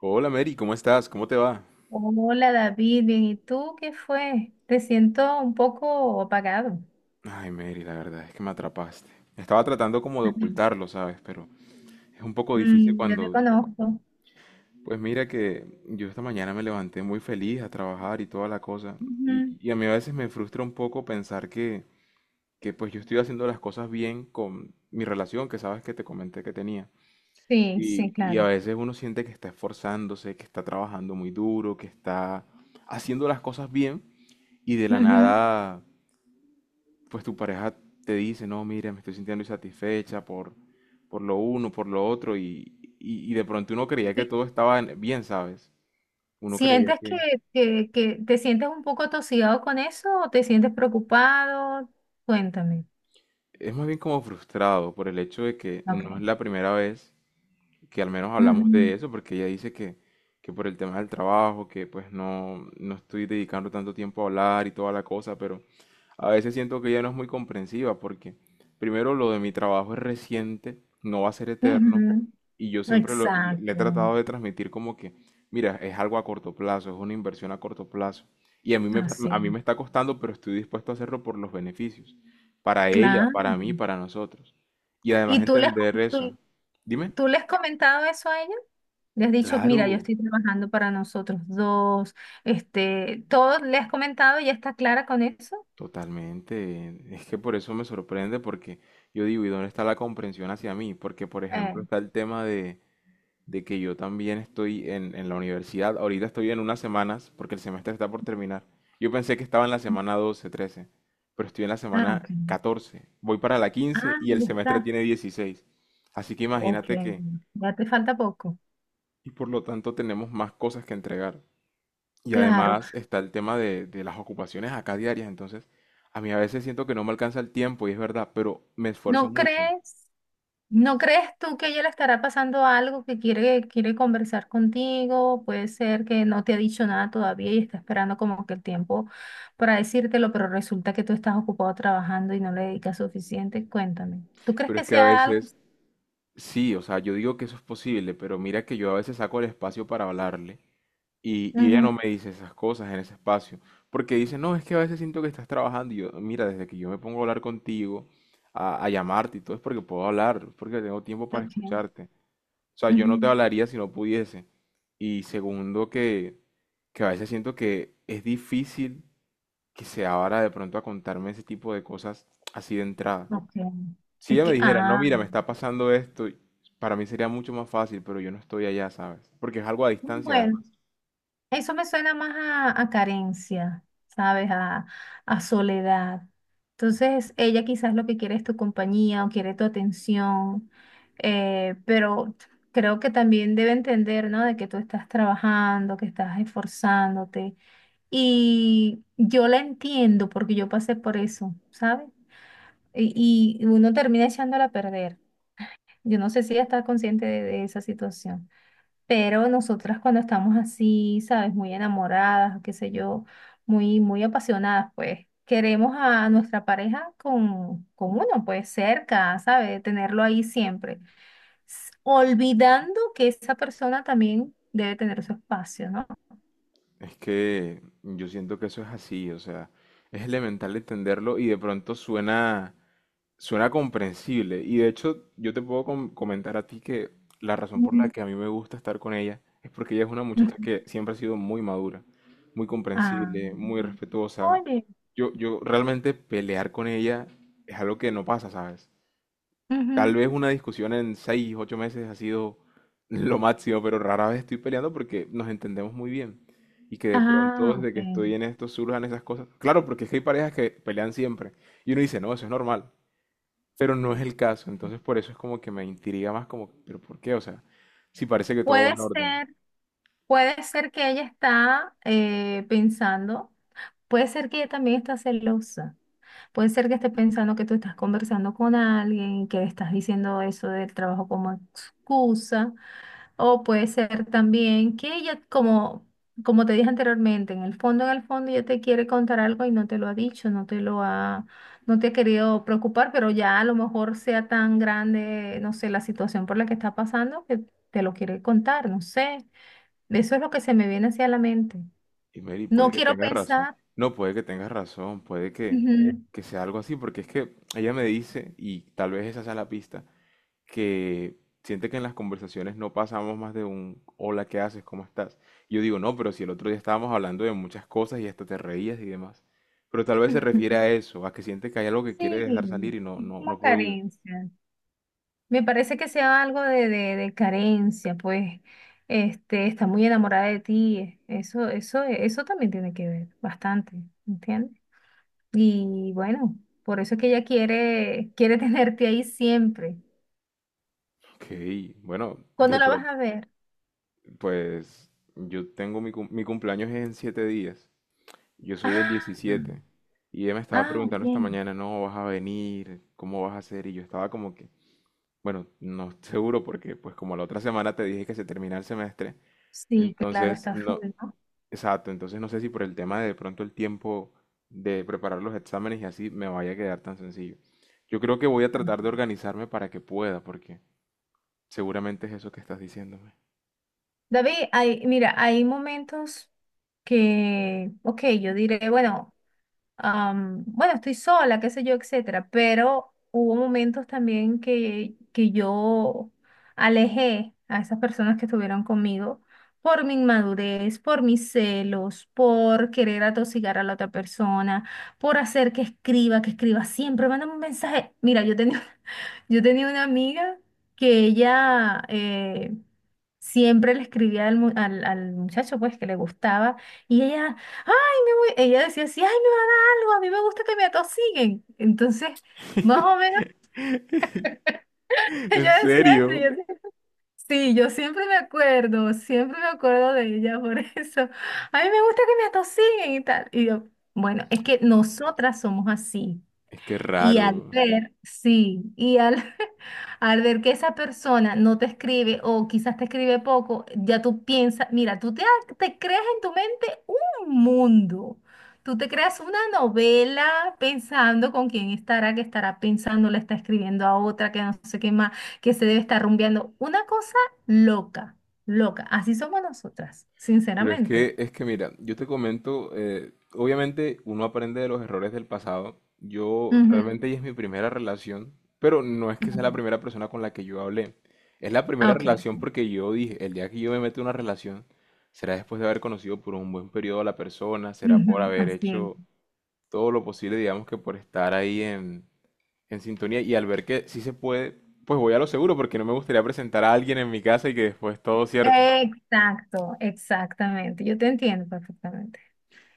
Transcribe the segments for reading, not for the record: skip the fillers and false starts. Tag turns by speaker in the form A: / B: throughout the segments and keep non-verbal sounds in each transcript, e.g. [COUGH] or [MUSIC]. A: Hola Mary, ¿cómo estás? ¿Cómo te va?
B: Hola David, bien, ¿y tú qué fue? Te siento un poco apagado.
A: Ay Mary, la verdad es que me atrapaste. Estaba tratando como de
B: [LAUGHS]
A: ocultarlo, ¿sabes? Pero es un poco difícil
B: Yo te
A: cuando...
B: conozco.
A: Pues mira que yo esta mañana me levanté muy feliz a trabajar y toda la cosa. Y,
B: Ujú.
A: y a mí a veces me frustra un poco pensar que pues yo estoy haciendo las cosas bien con mi relación que sabes que te comenté que tenía.
B: Sí, sí,
A: Y a
B: claro.
A: veces uno siente que está esforzándose, que está trabajando muy duro, que está haciendo las cosas bien y de la
B: Ujú.
A: nada pues tu pareja te dice, no, mira, me estoy sintiendo insatisfecha por lo uno, por lo otro, y de pronto uno creía que
B: ¿Qué-
A: todo estaba bien, ¿sabes? Uno creía
B: ¿Sientes que,
A: que
B: que, que te sientes un poco atosigado con eso o te sientes preocupado? Cuéntame.
A: es más bien como frustrado por el hecho de que
B: Ok.
A: no es la primera vez que al menos hablamos de
B: Ujú,
A: eso, porque ella dice que por el tema del trabajo, que pues no estoy dedicando tanto tiempo a hablar y toda la cosa, pero a veces siento que ella no es muy comprensiva, porque primero lo de mi trabajo es reciente, no va a ser eterno,
B: ujú.
A: y yo siempre le he
B: Exacto.
A: tratado de transmitir como que, mira, es algo a corto plazo, es una inversión a corto plazo, y a mí me,
B: Así.
A: a mí me está costando, pero estoy dispuesto a hacerlo por los beneficios, para ella,
B: Claro.
A: para mí, para nosotros. Y además
B: ¿Y tú les,
A: entender eso.
B: tú-
A: Dime.
B: ¿Tú le has comentado eso a ella? ¿Le has dicho, mira, yo
A: Claro,
B: estoy trabajando para nosotros dos? ¿Todo le has comentado y ya está clara con eso?
A: totalmente. Es que por eso me sorprende, porque yo digo, ¿y dónde está la comprensión hacia mí? Porque, por
B: Eh,
A: ejemplo, está el tema de que yo también estoy en la universidad. Ahorita estoy en unas semanas, porque el semestre está por terminar. Yo pensé que estaba en la semana 12, 13, pero estoy en la
B: ah,
A: semana
B: ok.
A: 14. Voy para la
B: Ah,
A: 15 y el
B: ya
A: semestre
B: está.
A: tiene 16. Así que
B: Ok,
A: imagínate que,
B: ya te falta poco.
A: y por lo tanto tenemos más cosas que entregar. Y
B: Claro.
A: además está el tema de las ocupaciones acá diarias, entonces a mí a veces siento que no me alcanza el tiempo y es verdad, pero me esfuerzo
B: ¿No
A: mucho.
B: crees? ¿No crees tú que a ella le estará pasando algo que quiere conversar contigo? Puede ser que no te ha dicho nada todavía y está esperando como que el tiempo para decírtelo, pero resulta que tú estás ocupado trabajando y no le dedicas suficiente. Cuéntame. ¿Tú crees
A: Pero es
B: que
A: que a
B: sea algo
A: veces,
B: así?
A: sí, o sea, yo digo que eso es posible, pero mira que yo a veces saco el espacio para hablarle y ella
B: Ujú,
A: no me dice esas cosas en ese espacio, porque dice, no, es que a veces siento que estás trabajando y yo, mira, desde que yo me pongo a hablar contigo, a llamarte y todo es porque puedo hablar, es porque tengo tiempo para
B: ok,
A: escucharte. O sea, yo no te
B: ujú,
A: hablaría si no pudiese. Y segundo, que a veces siento que es difícil que se abra de pronto a contarme ese tipo de cosas así de entrada.
B: ok.
A: Si
B: Es
A: ella me
B: que,
A: dijera, no, mira, me está pasando esto, para mí sería mucho más fácil, pero yo no estoy allá, ¿sabes? Porque es algo a distancia,
B: bueno.
A: además.
B: Eso me suena más a carencia, ¿sabes? A soledad. Entonces, ella quizás lo que quiere es tu compañía o quiere tu atención, pero creo que también debe entender, ¿no? De que tú estás trabajando, que estás esforzándote. Y yo la entiendo porque yo pasé por eso, ¿sabes? Y uno termina echándola a perder. Yo no sé si ella está consciente de esa situación. Pero nosotras cuando estamos así, ¿sabes? Muy enamoradas, qué sé yo, muy, muy apasionadas, pues queremos a nuestra pareja con uno, pues cerca, ¿sabes? Tenerlo ahí siempre. Olvidando que esa persona también debe tener su espacio, ¿no?
A: Es que yo siento que eso es así, o sea, es elemental entenderlo y de pronto suena. Suena comprensible y de hecho yo te puedo comentar a ti que la razón por la
B: Mm.
A: que a mí me gusta estar con ella es porque ella es una muchacha
B: Ujú.
A: que siempre ha sido muy madura, muy
B: Ah,
A: comprensible, muy respetuosa.
B: oye,
A: Yo realmente pelear con ella es algo que no pasa, ¿sabes? Tal
B: ujú.
A: vez una discusión en seis, 8 meses ha sido [LAUGHS] lo máximo, pero rara vez estoy peleando porque nos entendemos muy bien. Y que de pronto
B: Ah,
A: desde
B: ok.
A: que estoy en esto surjan esas cosas. Claro, porque es que hay parejas que pelean siempre. Y uno dice, no, eso es normal, pero no es el caso, entonces por eso es como que me intriga más como, pero ¿por qué? O sea, si parece que todo va
B: Puede
A: en orden.
B: ser, puede ser que ella está pensando, puede ser que ella también está celosa. Puede ser que esté pensando que tú estás conversando con alguien, que estás diciendo eso del trabajo como excusa, o puede ser también que ella, como te dije anteriormente, en el fondo, ella te quiere contar algo y no te lo ha dicho, no te ha querido preocupar, pero ya a lo mejor sea tan grande, no sé, la situación por la que está pasando que te lo quiere contar, no sé. Eso es lo que se me viene hacia la mente.
A: Y Mary, puede
B: No
A: que
B: quiero
A: tengas razón.
B: pensar.
A: No, puede que tengas razón, puede
B: Ujú.
A: que sea algo así, porque es que ella me dice, y tal vez esa sea la pista, que siente que en las conversaciones no pasamos más de un hola, ¿qué haces? ¿Cómo estás? Y yo digo, no, pero si el otro día estábamos hablando de muchas cosas y hasta te reías y demás. Pero tal vez se refiere a
B: [LAUGHS]
A: eso, a que siente que hay algo que quiere dejar salir
B: Sí,
A: y
B: es
A: no
B: como
A: ha podido.
B: carencia. Me parece que sea algo de carencia, pues, está muy enamorada de ti. Eso también tiene que ver bastante, ¿entiendes? Y bueno, por eso es que ella quiere [LAUGHS] tenerte ahí siempre.
A: Ok, bueno,
B: ¿Cuándo
A: de
B: la vas
A: pronto.
B: a ver?
A: Pues yo tengo mi, mi cumpleaños es en 7 días. Yo soy del
B: Ah,
A: 17. Y ella me estaba
B: ah, ok.
A: preguntando esta mañana, no, vas a venir, ¿cómo vas a hacer? Y yo estaba como que, bueno, no [LAUGHS] seguro porque pues como la otra semana te dije que se termina el semestre,
B: Sí, claro,
A: entonces
B: está
A: no,
B: full, ¿no?
A: exacto, entonces no sé si por el tema de pronto el tiempo de preparar los exámenes y así me vaya a quedar tan sencillo. Yo creo que voy a
B: Ah.
A: tratar de organizarme para que pueda, porque seguramente es eso que estás diciéndome.
B: David, mira, hay momentos que, ok, yo diré, bueno. Bueno, estoy sola, qué sé yo, etcétera, pero hubo momentos también que yo alejé a esas personas que estuvieron conmigo por mi inmadurez, por mis celos, por querer atosigar a la otra persona, por hacer que escriba siempre, mándame un mensaje. Mira, yo tenía, [LAUGHS] yo tenía una amiga que ella siempre le escribía al, mu- al al muchacho pues que le gustaba y ella, ay, me voy, ella decía así, ay, no, algo, a mí me gusta que me atosiguen. Entonces, más o menos [LAUGHS]
A: [LAUGHS]
B: ella
A: ¿En
B: decía, eso,
A: serio?
B: y yo decía, sí, yo siempre me acuerdo de ella por [LAUGHS] eso. A mí me gusta que me atosiguen y tal. Y yo, bueno, es que nosotras somos así.
A: Es que
B: Y al
A: raro.
B: ver, sí, y al, [LAUGHS] al ver que esa persona no te escribe o quizás te escribe poco, ya tú piensas, mira, te creas en tu mente un mundo. Tú te creas una novela pensando con quién estará, que estará pensando, le está escribiendo a otra, que no sé qué más, que se debe estar rumbeando. Una cosa loca, loca. Así somos nosotras,
A: Pero
B: sinceramente.
A: es que mira, yo te comento, obviamente uno aprende de los errores del pasado. Yo realmente
B: Ujú.
A: ella es mi primera relación, pero no es que sea la
B: Ujú.
A: primera persona con la que yo hablé. Es la
B: Ah,
A: primera
B: ok.
A: relación porque yo dije, el día que yo me meto en una relación, será después de haber conocido por un buen periodo a la persona, será por
B: Ujú,
A: haber
B: así es.
A: hecho todo lo posible, digamos que por estar ahí en sintonía y al ver que sí se puede, pues voy a lo seguro porque no me gustaría presentar a alguien en mi casa y que después todo cierto.
B: Exacto, exactamente. Yo te entiendo perfectamente.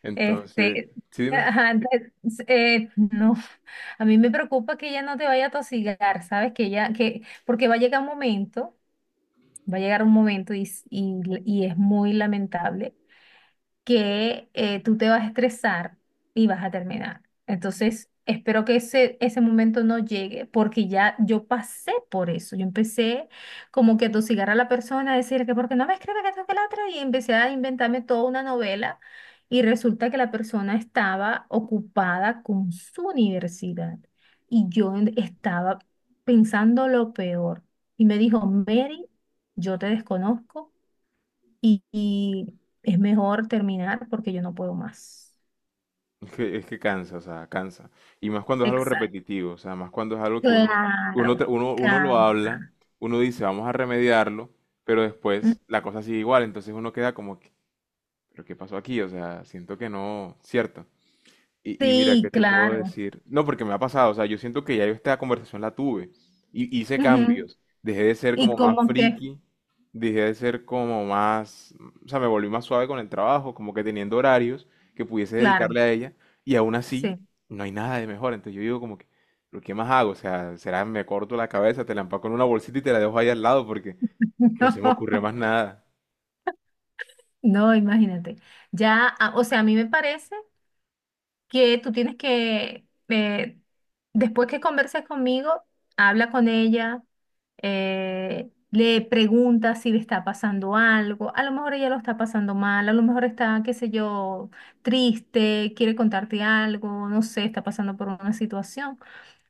A: Entonces,
B: Este,
A: sí,
B: [LAUGHS]
A: dime.
B: ajá, no, [LAUGHS] a mí me preocupa que ella no te vaya a tosigar, ¿sabes? Porque va a llegar un momento, va a llegar un momento y es muy lamentable que tú te vas a estresar y vas a terminar. Entonces, espero que ese momento no llegue, porque ya yo pasé por eso. Yo empecé como que a tosigar a la persona, a decir que porque no me escribe que esto que la otra, y empecé a inventarme toda una novela. Y resulta que la persona estaba ocupada con su universidad y yo estaba pensando lo peor. Y me dijo, Mary, yo te desconozco y es mejor terminar porque yo no puedo más.
A: Es que cansa, o sea, cansa. Y más cuando es algo
B: Exacto.
A: repetitivo, o sea, más cuando es algo que uno, uno,
B: Claro,
A: tra- uno, uno lo habla,
B: canta.
A: uno dice, vamos a remediarlo, pero
B: Mm,
A: después la cosa sigue igual, entonces uno queda como, que, ¿pero qué pasó aquí? O sea, siento que no, cierto. Y mira, ¿qué
B: sí,
A: te puedo
B: claro.
A: decir? No, porque me ha pasado, o sea, yo siento que ya yo esta conversación la tuve. Y hice
B: Ujú.
A: cambios. Dejé de ser
B: Y
A: como más
B: como que,
A: friki, dejé de ser como más, o sea, me volví más suave con el trabajo, como que teniendo horarios que pudiese
B: claro,
A: dedicarle a ella. Y aún así,
B: sí.
A: no hay nada de mejor. Entonces yo digo como que, ¿pero qué más hago? O sea, será me corto la cabeza, te la empaco en una bolsita y te la dejo ahí al lado porque no se me ocurre
B: [LAUGHS]
A: más nada.
B: No, no, imagínate. Ya, o sea, a mí me parece que tú tienes que, después que converses conmigo, habla con ella le pregunta si le está pasando algo, a lo mejor ella lo está pasando mal, a lo mejor está, qué sé yo, triste, quiere contarte algo, no sé, está pasando por una situación.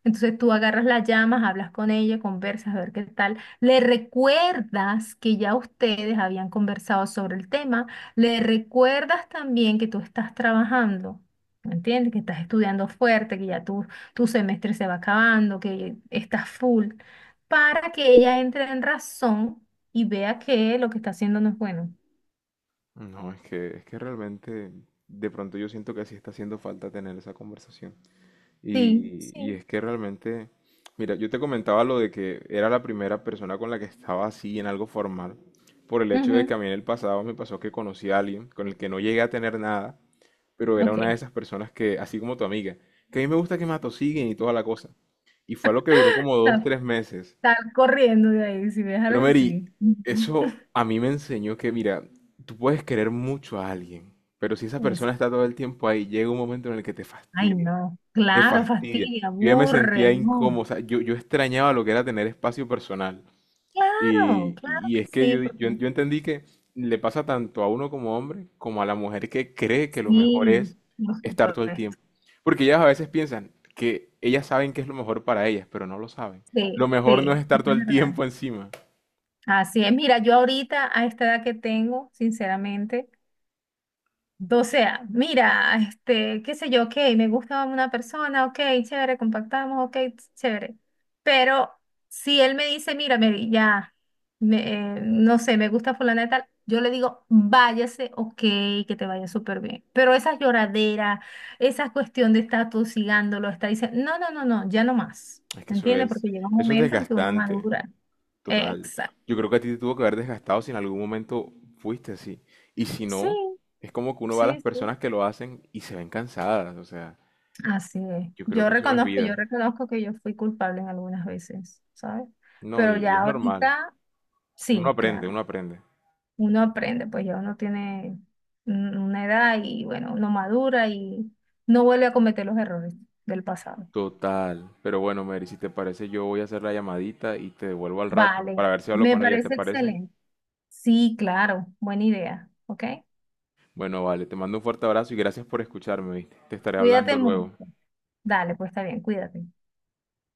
B: Entonces tú agarras las llamas, hablas con ella, conversas, a ver qué tal. Le recuerdas que ya ustedes habían conversado sobre el tema. Le recuerdas también que tú estás trabajando, ¿me entiendes? Que estás estudiando fuerte, que ya tu semestre se va acabando, que estás full, para que ella entre en razón y vea que lo que está haciendo no es bueno.
A: No, es que realmente, de pronto yo siento que sí está haciendo falta tener esa conversación.
B: Sí,
A: Y
B: sí.
A: es que realmente, mira, yo te comentaba lo de que era la primera persona con la que estaba así en algo formal, por el hecho de que
B: Ujú,
A: a mí en el pasado me pasó que conocí a alguien con el que no llegué a tener nada, pero era una de
B: ok.
A: esas personas que, así como tu amiga, que a mí me gusta que me atosiguen y toda la cosa. Y fue algo que duró como dos,
B: Sal,
A: tres meses.
B: sal corriendo de ahí si ves
A: Pero
B: algo
A: Mary,
B: así. Ujú.
A: eso a mí me enseñó que, mira, tú puedes querer mucho a alguien, pero si esa persona
B: [LAUGHS]
A: está todo el tiempo ahí, llega un momento en el que te
B: Ay,
A: fastidia.
B: no,
A: Te
B: claro,
A: fastidia.
B: fastidia,
A: Yo ya me sentía
B: aburre, no.
A: incómodo, o sea, yo extrañaba lo que era tener espacio personal.
B: Claro,
A: Y,
B: claro
A: y
B: que
A: es que
B: sí,
A: yo, di-
B: porque
A: yo, yo entendí que le pasa tanto a uno como hombre como a la mujer que cree que lo mejor
B: sí,
A: es
B: por
A: estar todo el
B: supuesto.
A: tiempo. Porque ellas a veces piensan que ellas saben qué es lo mejor para ellas, pero no lo saben. Lo
B: Sí,
A: mejor no es
B: sí,
A: estar
B: eso
A: todo
B: es
A: el
B: verdad.
A: tiempo encima.
B: Así es, mira, yo ahorita a esta edad que tengo, sinceramente, o sea, mira, qué sé yo, ok, me gusta una persona, ok, chévere, compactamos, ok, chévere. Pero si él me dice, mira, Mary, ya, no sé, me gusta fulana de tal, yo le digo, váyase, ok, que te vaya súper bien. Pero esa lloradera, esa cuestión de estar tosigándolo, está diciendo, no, no, no, no, ya no más.
A: Es que
B: ¿Me entiendes? Porque llega un
A: eso es
B: momento en que uno
A: desgastante.
B: madura.
A: Total.
B: Exacto.
A: Yo creo que a ti te tuvo que haber desgastado si en algún momento fuiste así. Y si
B: Sí,
A: no, es como que uno va a
B: sí,
A: las
B: sí.
A: personas que lo hacen y se ven cansadas. O sea,
B: Así es.
A: yo creo que eso no es vida.
B: Yo reconozco que yo fui culpable en algunas veces, ¿sabes?
A: No,
B: Pero
A: y, y
B: ya
A: es normal.
B: ahorita,
A: Uno
B: sí,
A: aprende,
B: claro,
A: uno aprende.
B: uno aprende, pues ya uno tiene una edad y bueno, uno madura y no vuelve a cometer los errores del pasado.
A: Total. Pero bueno, Mary, si te parece, yo voy a hacer la llamadita y te devuelvo al rato
B: Vale,
A: para ver si hablo
B: me
A: con ella, ¿te
B: parece
A: parece?
B: excelente. Sí, claro, buena idea, ¿ok?
A: Bueno, vale, te mando un fuerte abrazo y gracias por escucharme, ¿viste? Te estaré hablando
B: Cuídate mucho.
A: luego.
B: Dale, pues está bien, cuídate.